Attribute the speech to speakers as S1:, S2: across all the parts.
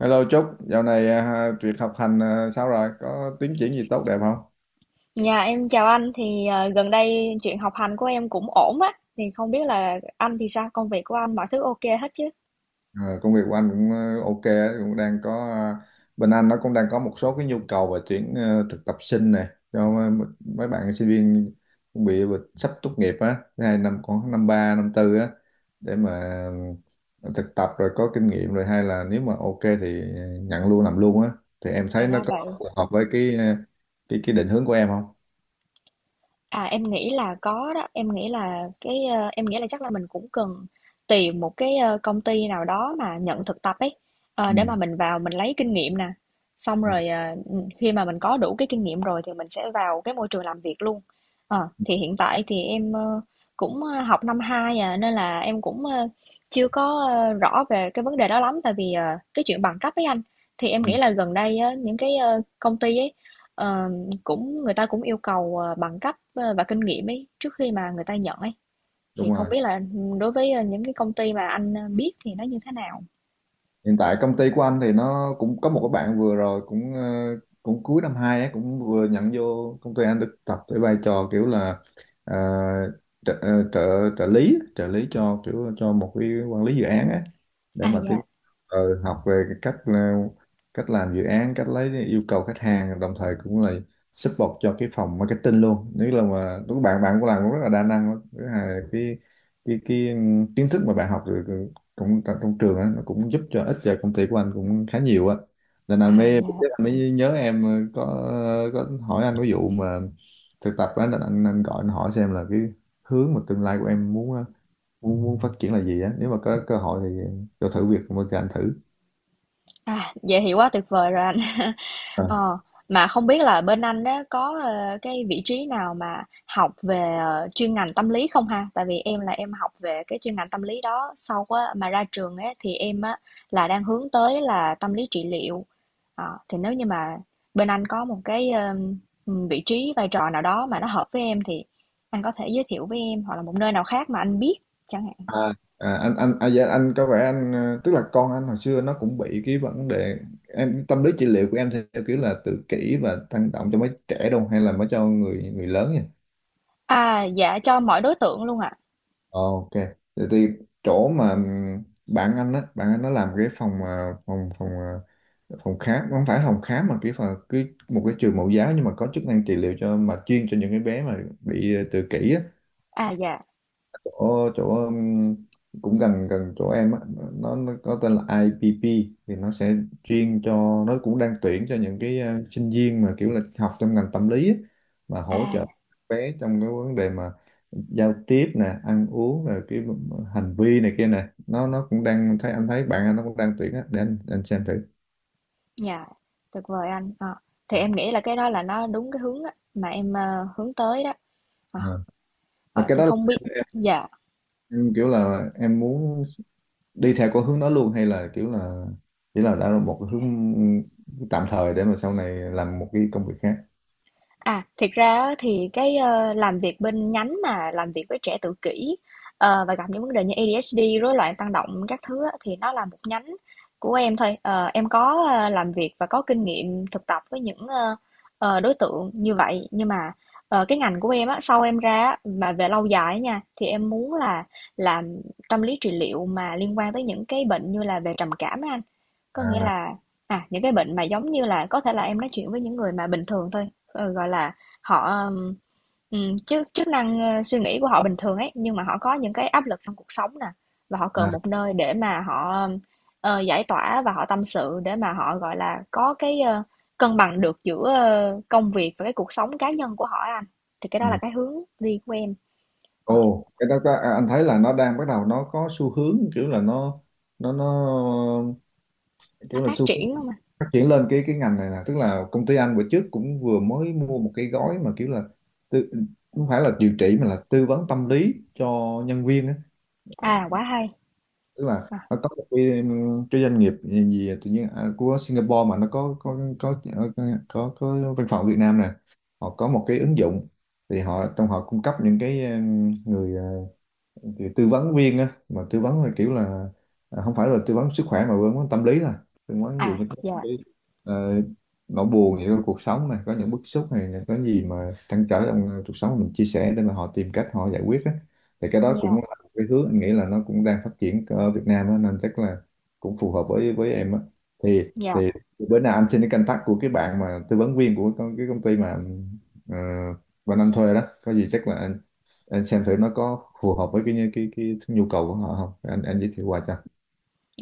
S1: Hello Trúc, dạo này à, việc học hành à, sao rồi? Có tiến triển gì tốt đẹp không?
S2: Nhà em chào anh thì gần đây chuyện học hành của em cũng ổn á thì không biết là anh thì sao, công việc của anh mọi thứ ok hết chứ?
S1: Ờ, công việc của anh cũng ok, á, cũng đang có à, bên anh nó cũng đang có một số cái nhu cầu về tuyển thực tập sinh này cho mấy bạn sinh viên cũng bị sắp tốt nghiệp á, thứ hai năm khoảng năm ba năm tư á để mà thực tập rồi có kinh nghiệm rồi hay là nếu mà ok thì nhận luôn làm luôn á thì em
S2: À
S1: thấy nó
S2: ra
S1: có
S2: vậy.
S1: phù hợp với cái ờ, cái định hướng của em không?
S2: À, em nghĩ là có đó, em nghĩ là cái, em nghĩ là chắc là mình cũng cần tìm một cái, công ty nào đó mà nhận thực tập ấy,
S1: Ừ,
S2: để mà mình vào mình lấy kinh nghiệm nè. Xong
S1: ừ,
S2: rồi, ờ, ừ, khi mà mình có đủ cái kinh nghiệm rồi thì mình sẽ vào cái môi trường làm việc luôn. Thì hiện tại thì em, cũng, học năm 2 à, nên là em cũng, chưa có, rõ về cái vấn đề đó lắm, tại vì, cái chuyện bằng cấp ấy anh. Thì em
S1: ừ,
S2: nghĩ là gần đây á, những cái, công ty ấy, ờ, cũng người ta cũng yêu cầu, bằng cấp, và kinh nghiệm ấy, trước khi mà người ta nhận ấy, thì
S1: đúng
S2: không
S1: rồi.
S2: biết là, đối với, những cái công ty mà anh, biết thì nó như thế nào?
S1: Hiện tại công ty của anh thì nó cũng có một cái bạn vừa rồi cũng cuối năm hai ấy cũng vừa nhận vô công ty anh thực tập với vai trò kiểu là ờ, ờ, trợ trợ lý cho kiểu cho một cái quản lý dự án ấy để
S2: À,
S1: mà tiến
S2: dạ.
S1: học về cái cách làm dự án, cách lấy yêu cầu khách hàng, đồng thời cũng là support cho cái phòng marketing luôn. Nếu là mà đúng bạn bạn cũng làm cũng rất là đa năng lắm. Thứ hai là cái kiến thức mà bạn học được cũng trong trường á nó cũng giúp cho ích cho công ty của anh cũng khá nhiều á. Nên anh
S2: À,
S1: mới
S2: dạ.
S1: sếp anh mới nhớ em, có hỏi anh cái vụ mà thực tập á nên anh gọi anh hỏi xem là cái hướng mà tương lai của em muốn muốn phát triển là gì á, nếu mà có cơ hội thì cho thử việc một cho anh thử.
S2: À, vậy thì quá tuyệt vời rồi anh.
S1: à,
S2: Ờ, mà không biết là bên anh đó có, cái vị trí nào mà học về, chuyên ngành tâm lý không ha? Tại vì em là em học về cái chuyên ngành tâm lý đó, sau á mà ra trường á thì em á là đang hướng tới là tâm lý trị liệu. Thì nếu như mà bên anh có một cái, vị trí, vai trò nào đó mà nó hợp với em thì anh có thể giới thiệu với em, hoặc là một nơi nào khác mà anh biết chẳng hạn.
S1: à, anh dạ, anh có vẻ anh tức là con anh hồi xưa nó cũng bị cái vấn đề. Em tâm lý trị liệu của em theo kiểu là tự kỷ và tăng động cho mấy trẻ đâu hay là mới cho người người lớn nhỉ?
S2: À, dạ, cho mọi đối tượng luôn ạ.
S1: Ok. Thì chỗ mà bạn anh á, bạn anh nó làm cái phòng khám, không phải phòng khám mà cái một cái trường mẫu giáo nhưng mà có chức năng trị liệu cho mà chuyên cho những cái bé mà bị tự kỷ á.
S2: À, dạ.
S1: Chỗ chỗ cũng gần gần chỗ em á, nó có tên là IPP. Thì nó sẽ chuyên cho, nó cũng đang tuyển cho những cái sinh viên mà kiểu là học trong ngành tâm lý á, mà hỗ
S2: À,
S1: trợ bé trong cái vấn đề mà giao tiếp nè, ăn uống, rồi cái hành vi này kia nè. Nó cũng đang thấy, anh thấy bạn anh nó cũng đang tuyển á để anh xem thử.
S2: dạ, tuyệt vời anh. Ờ, thì em nghĩ là cái đó là nó đúng cái hướng á mà em, hướng tới đó. Ờ,
S1: Ờ. Và
S2: ờ,
S1: cái
S2: thì
S1: đó là
S2: không biết,
S1: em,
S2: dạ.
S1: em kiểu là em muốn đi theo con hướng đó luôn, hay là kiểu là chỉ là đã là một cái hướng tạm thời để mà sau này làm một cái công việc khác.
S2: À, thiệt ra á thì cái, làm việc bên nhánh mà làm việc với trẻ tự kỷ, và gặp những vấn đề như ADHD, rối loạn tăng động các thứ á, thì nó là một nhánh của em thôi. Ờ, em có, làm việc và có kinh nghiệm thực tập với những, đối tượng như vậy, nhưng mà, cái ngành của em á, sau em ra á, mà về lâu dài á nha, thì em muốn là làm tâm lý trị liệu mà liên quan tới những cái bệnh như là về trầm cảm á anh. Có nghĩa
S1: à
S2: là, à, những cái bệnh mà giống như là có thể là em nói chuyện với những người mà bình thường thôi. Gọi là, họ, chức chức năng, suy nghĩ của họ bình thường ấy, nhưng mà họ có những cái áp lực trong cuộc sống nè, và họ cần
S1: à
S2: một nơi để mà họ, giải tỏa và họ tâm sự để mà họ, gọi là, có cái, cân bằng được giữa, công việc và cái cuộc sống cá nhân của họ á anh, thì cái đó
S1: ừ.
S2: là cái hướng đi của em, ờ,
S1: Ồ cái đó có, anh thấy là nó đang bắt đầu nó có xu hướng kiểu là nó
S2: nó
S1: kiểu là
S2: phát
S1: xu hướng
S2: triển không anh?
S1: phát triển lên cái ngành này nè. Tức là công ty anh bữa trước cũng vừa mới mua một cái gói mà kiểu là tư, không phải là điều trị mà là tư vấn tâm lý cho nhân viên á.
S2: À, quá hay.
S1: Tức là
S2: À,
S1: nó có một cái doanh nghiệp gì tự nhiên của Singapore mà nó có văn phòng ở Việt Nam nè, họ có một cái ứng dụng thì họ, trong họ cung cấp những cái người thì tư vấn viên á, mà tư vấn là kiểu là không phải là tư vấn sức khỏe mà tư vấn tâm lý thôi. Tư vấn ví dụ
S2: à,
S1: như có những
S2: yeah,
S1: cái ờ, nỗi buồn gì trong cuộc sống này, có những bức xúc này, có gì mà trăn trở trong cuộc sống mình chia sẻ để mà họ tìm cách họ giải quyết á. Thì cái đó cũng
S2: yeah,
S1: là một cái hướng anh nghĩ là nó cũng đang phát triển ở Việt Nam á, nên chắc là cũng phù hợp với em á. thì
S2: yeah.
S1: thì bữa nào anh xin cái contact của cái bạn mà tư vấn viên của cái công ty mà anh thuê đó, có gì chắc là anh xem thử nó có phù hợp với cái nhu cầu của họ không, anh giới thiệu qua cho.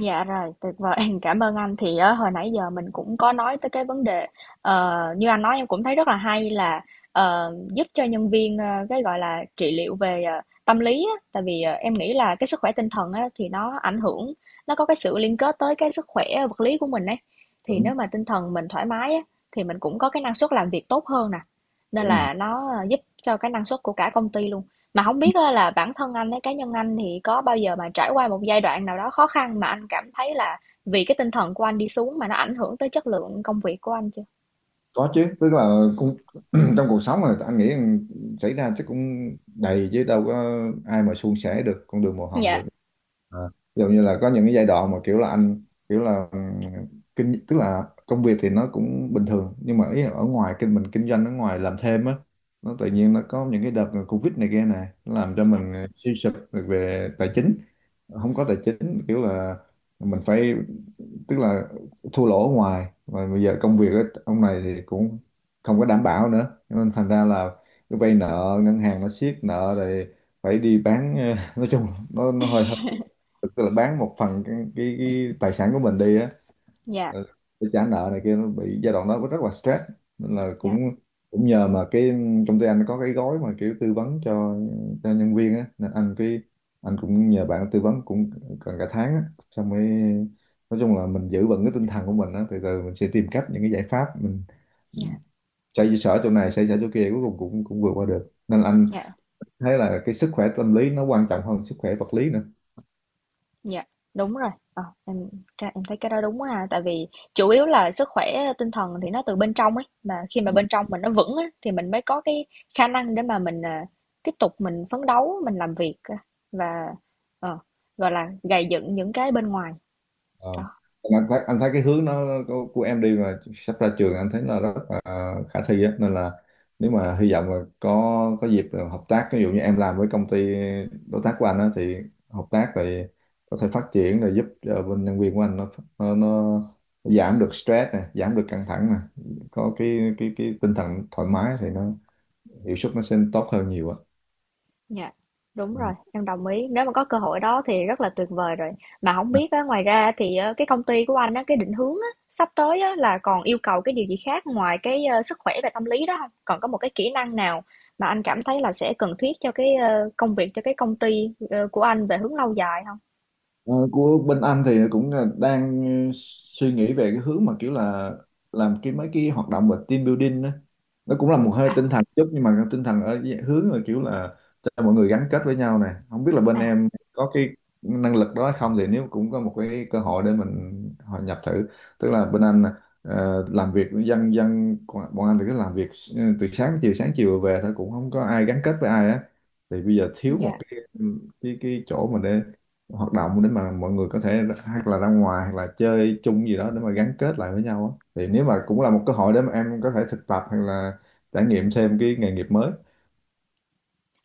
S2: Dạ rồi, tuyệt vời. Cảm ơn anh. Thì á, hồi nãy giờ mình cũng có nói tới cái vấn đề, như anh nói em cũng thấy rất là hay là, giúp cho nhân viên, cái, gọi là, trị liệu về, tâm lý á. Tại vì, em nghĩ là cái sức khỏe tinh thần á, thì nó ảnh hưởng, nó có cái sự liên kết tới cái sức khỏe vật lý của mình ấy. Thì nếu
S1: Đúng,
S2: mà tinh thần mình thoải mái á, thì mình cũng có cái năng suất làm việc tốt hơn nè. Nên
S1: đúng rồi.
S2: là nó, giúp cho cái năng suất của cả công ty luôn. Mà không biết á là bản thân anh ấy, cá nhân anh thì có bao giờ mà trải qua một giai đoạn nào đó khó khăn mà anh cảm thấy là vì cái tinh thần của anh đi xuống mà nó ảnh hưởng tới chất lượng công việc của anh chưa?
S1: Có chứ, tức là cũng trong cuộc sống mà anh nghĩ rằng xảy ra chắc cũng đầy chứ, đâu có ai mà suôn sẻ được con đường màu hồng
S2: Dạ,
S1: được. à, Ví dụ như là có những cái giai đoạn mà kiểu là anh kiểu là kinh tức là công việc thì nó cũng bình thường nhưng mà ý là ở ngoài, mình kinh doanh ở ngoài làm thêm á, nó tự nhiên nó có những cái đợt Covid này kia này nó làm cho
S2: dạ,
S1: mình suy sụp về tài chính, không có tài chính kiểu là mình phải, tức là thua lỗ ở ngoài và bây giờ công việc á, ông này thì cũng không có đảm bảo nữa. Cho nên thành ra là cứ vay nợ ngân hàng nó siết nợ rồi phải đi bán nói chung nó hơi hơi, tức là bán một phần cái tài sản của mình đi á,
S2: dạ,
S1: ờ, để trả nợ này kia. Nó bị giai đoạn đó có rất là stress, nên là cũng
S2: dạ,
S1: cũng nhờ mà cái công ty anh có cái gói mà kiểu tư vấn cho nhân viên á, nên anh cũng nhờ bạn tư vấn cũng gần cả tháng á, xong mới nói chung là mình giữ vững cái tinh thần của mình á, từ từ mình sẽ tìm cách những cái giải pháp mình
S2: dạ,
S1: xoay sở chỗ này, xoay sở chỗ kia, cuối cùng cũng cũng vượt qua được. Nên là anh
S2: dạ,
S1: thấy là cái sức khỏe tâm lý nó quan trọng hơn sức khỏe vật lý nữa.
S2: dạ, đúng rồi. Ờ, em ra em thấy cái đó đúng ha, tại vì chủ yếu là sức khỏe tinh thần thì nó từ bên trong ấy, mà khi mà bên trong mình nó vững á thì mình mới có cái khả năng để mà mình, à, tiếp tục mình phấn đấu, mình làm việc, và, ờ, gọi là, gầy dựng những cái bên ngoài. Đó.
S1: Ờ. Anh thấy cái hướng nó của em đi mà sắp ra trường, anh thấy là rất là khả thi á, nên là nếu mà hy vọng là có dịp là hợp tác, ví dụ như em làm với công ty đối tác của anh á thì hợp tác rồi có thể phát triển rồi giúp cho bên nhân viên của anh nó giảm được stress nè, giảm được căng thẳng nè, có cái tinh thần thoải mái thì nó hiệu suất nó sẽ tốt hơn nhiều á.
S2: Dạ, đúng
S1: Ừ.
S2: rồi, em đồng ý. Nếu mà có cơ hội đó thì rất là tuyệt vời rồi. Mà không biết á, ngoài ra thì cái công ty của anh á, cái định hướng á, sắp tới á, là còn yêu cầu cái điều gì khác ngoài cái sức khỏe và tâm lý đó không? Còn có một cái kỹ năng nào mà anh cảm thấy là sẽ cần thiết cho cái công việc, cho cái công ty của anh về hướng lâu dài không?
S1: Ờ, của bên anh thì cũng là đang ừ, suy nghĩ về cái hướng mà kiểu là làm cái mấy cái hoạt động về team building đó. Nó cũng là một hơi
S2: À,
S1: tinh thần chút nhưng mà tinh thần ở dạng hướng là kiểu là cho mọi người gắn kết với nhau này. Không biết là bên
S2: à,
S1: em có cái năng lực đó hay không thì nếu cũng có một cái cơ hội để mình hòa nhập thử. Tức là bên anh làm việc dân dân bọn bọn anh thì cứ làm việc từ sáng chiều về thôi cũng không có ai gắn kết với ai á. Thì bây giờ thiếu một
S2: dạ.
S1: cái chỗ mà để hoạt động để mà mọi người có thể hoặc là ra ngoài hoặc là chơi chung gì đó để mà gắn kết lại với nhau á thì nếu mà cũng là một cơ hội để mà em có thể thực tập hoặc là trải nghiệm thêm cái nghề nghiệp mới.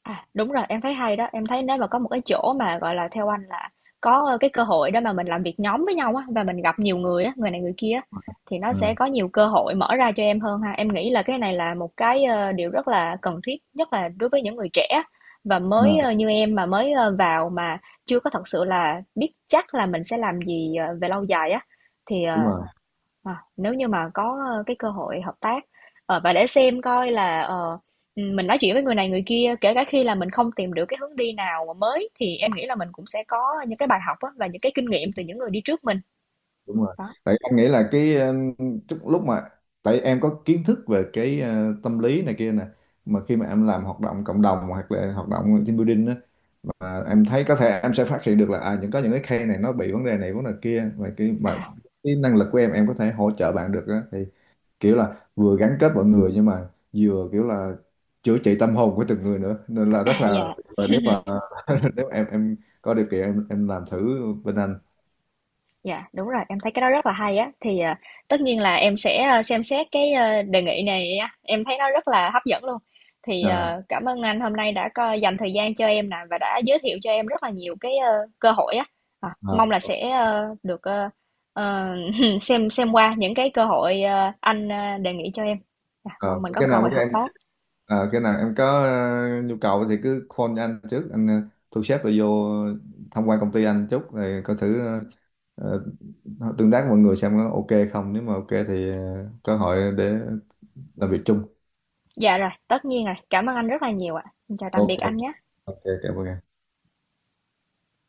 S2: À, đúng rồi, em thấy hay đó. Em thấy nếu mà có một cái chỗ mà, gọi là, theo anh là có, cái cơ hội đó mà mình làm việc nhóm với nhau á, và mình gặp nhiều người á, người này người kia á, thì nó sẽ
S1: Ừ,
S2: có nhiều cơ hội mở ra cho em hơn ha. Em nghĩ là cái này là một cái, điều rất là cần thiết, nhất là đối với những người trẻ và mới,
S1: ừ,
S2: như em mà mới, vào mà chưa có thật sự là biết chắc là mình sẽ làm gì, về lâu dài á, thì,
S1: đúng
S2: ờ.
S1: rồi,
S2: À, nếu như mà có, cái cơ hội hợp tác, và để xem coi là, mình nói chuyện với người này người kia, kể cả khi là mình không tìm được cái hướng đi nào mà mới thì em nghĩ là mình cũng sẽ có những cái bài học á, và những cái kinh nghiệm từ những người đi trước mình.
S1: đúng rồi,
S2: Đó,
S1: tại em nghĩ là cái chút lúc mà, tại em có kiến thức về cái tâm lý này kia nè mà khi mà em làm hoạt động cộng đồng hoặc là hoạt động team building á mà em thấy có thể em sẽ phát hiện được là à những có những cái case này nó bị vấn đề này vấn đề kia, và
S2: à,
S1: cái năng lực của em có thể hỗ trợ bạn được á thì kiểu là vừa gắn kết mọi người nhưng mà vừa kiểu là chữa trị tâm hồn của từng người nữa nên là rất
S2: à,
S1: là.
S2: yeah.
S1: Và nếu mà nếu em có điều kiện em làm thử bên anh.
S2: Dạ, đúng rồi, em thấy cái đó rất là hay á. Thì, tất nhiên là em sẽ, xem xét cái, đề nghị này á, em thấy nó rất là hấp dẫn luôn. Thì,
S1: À,
S2: cảm ơn anh hôm nay đã có dành thời gian cho em nè và đã giới thiệu cho em rất là nhiều cái, cơ hội á.
S1: à,
S2: Mong là sẽ, được, ờ, xem qua những cái cơ hội, anh, đề nghị cho em. Dạ,
S1: à,
S2: mong mình có
S1: cái
S2: cơ
S1: nào mà
S2: hội
S1: cái
S2: hợp
S1: em
S2: tác.
S1: à, cái nào em có nhu cầu thì cứ call cho anh trước, anh thu xếp rồi vô tham quan công ty anh chút rồi coi thử ờ, tương tác với mọi người xem có ok không, nếu mà ok thì có hội để làm việc chung.
S2: Dạ rồi, tất nhiên rồi, cảm ơn anh rất là nhiều ạ. Chào tạm
S1: Ok,
S2: biệt anh nhé.
S1: ok, cảm ơn em.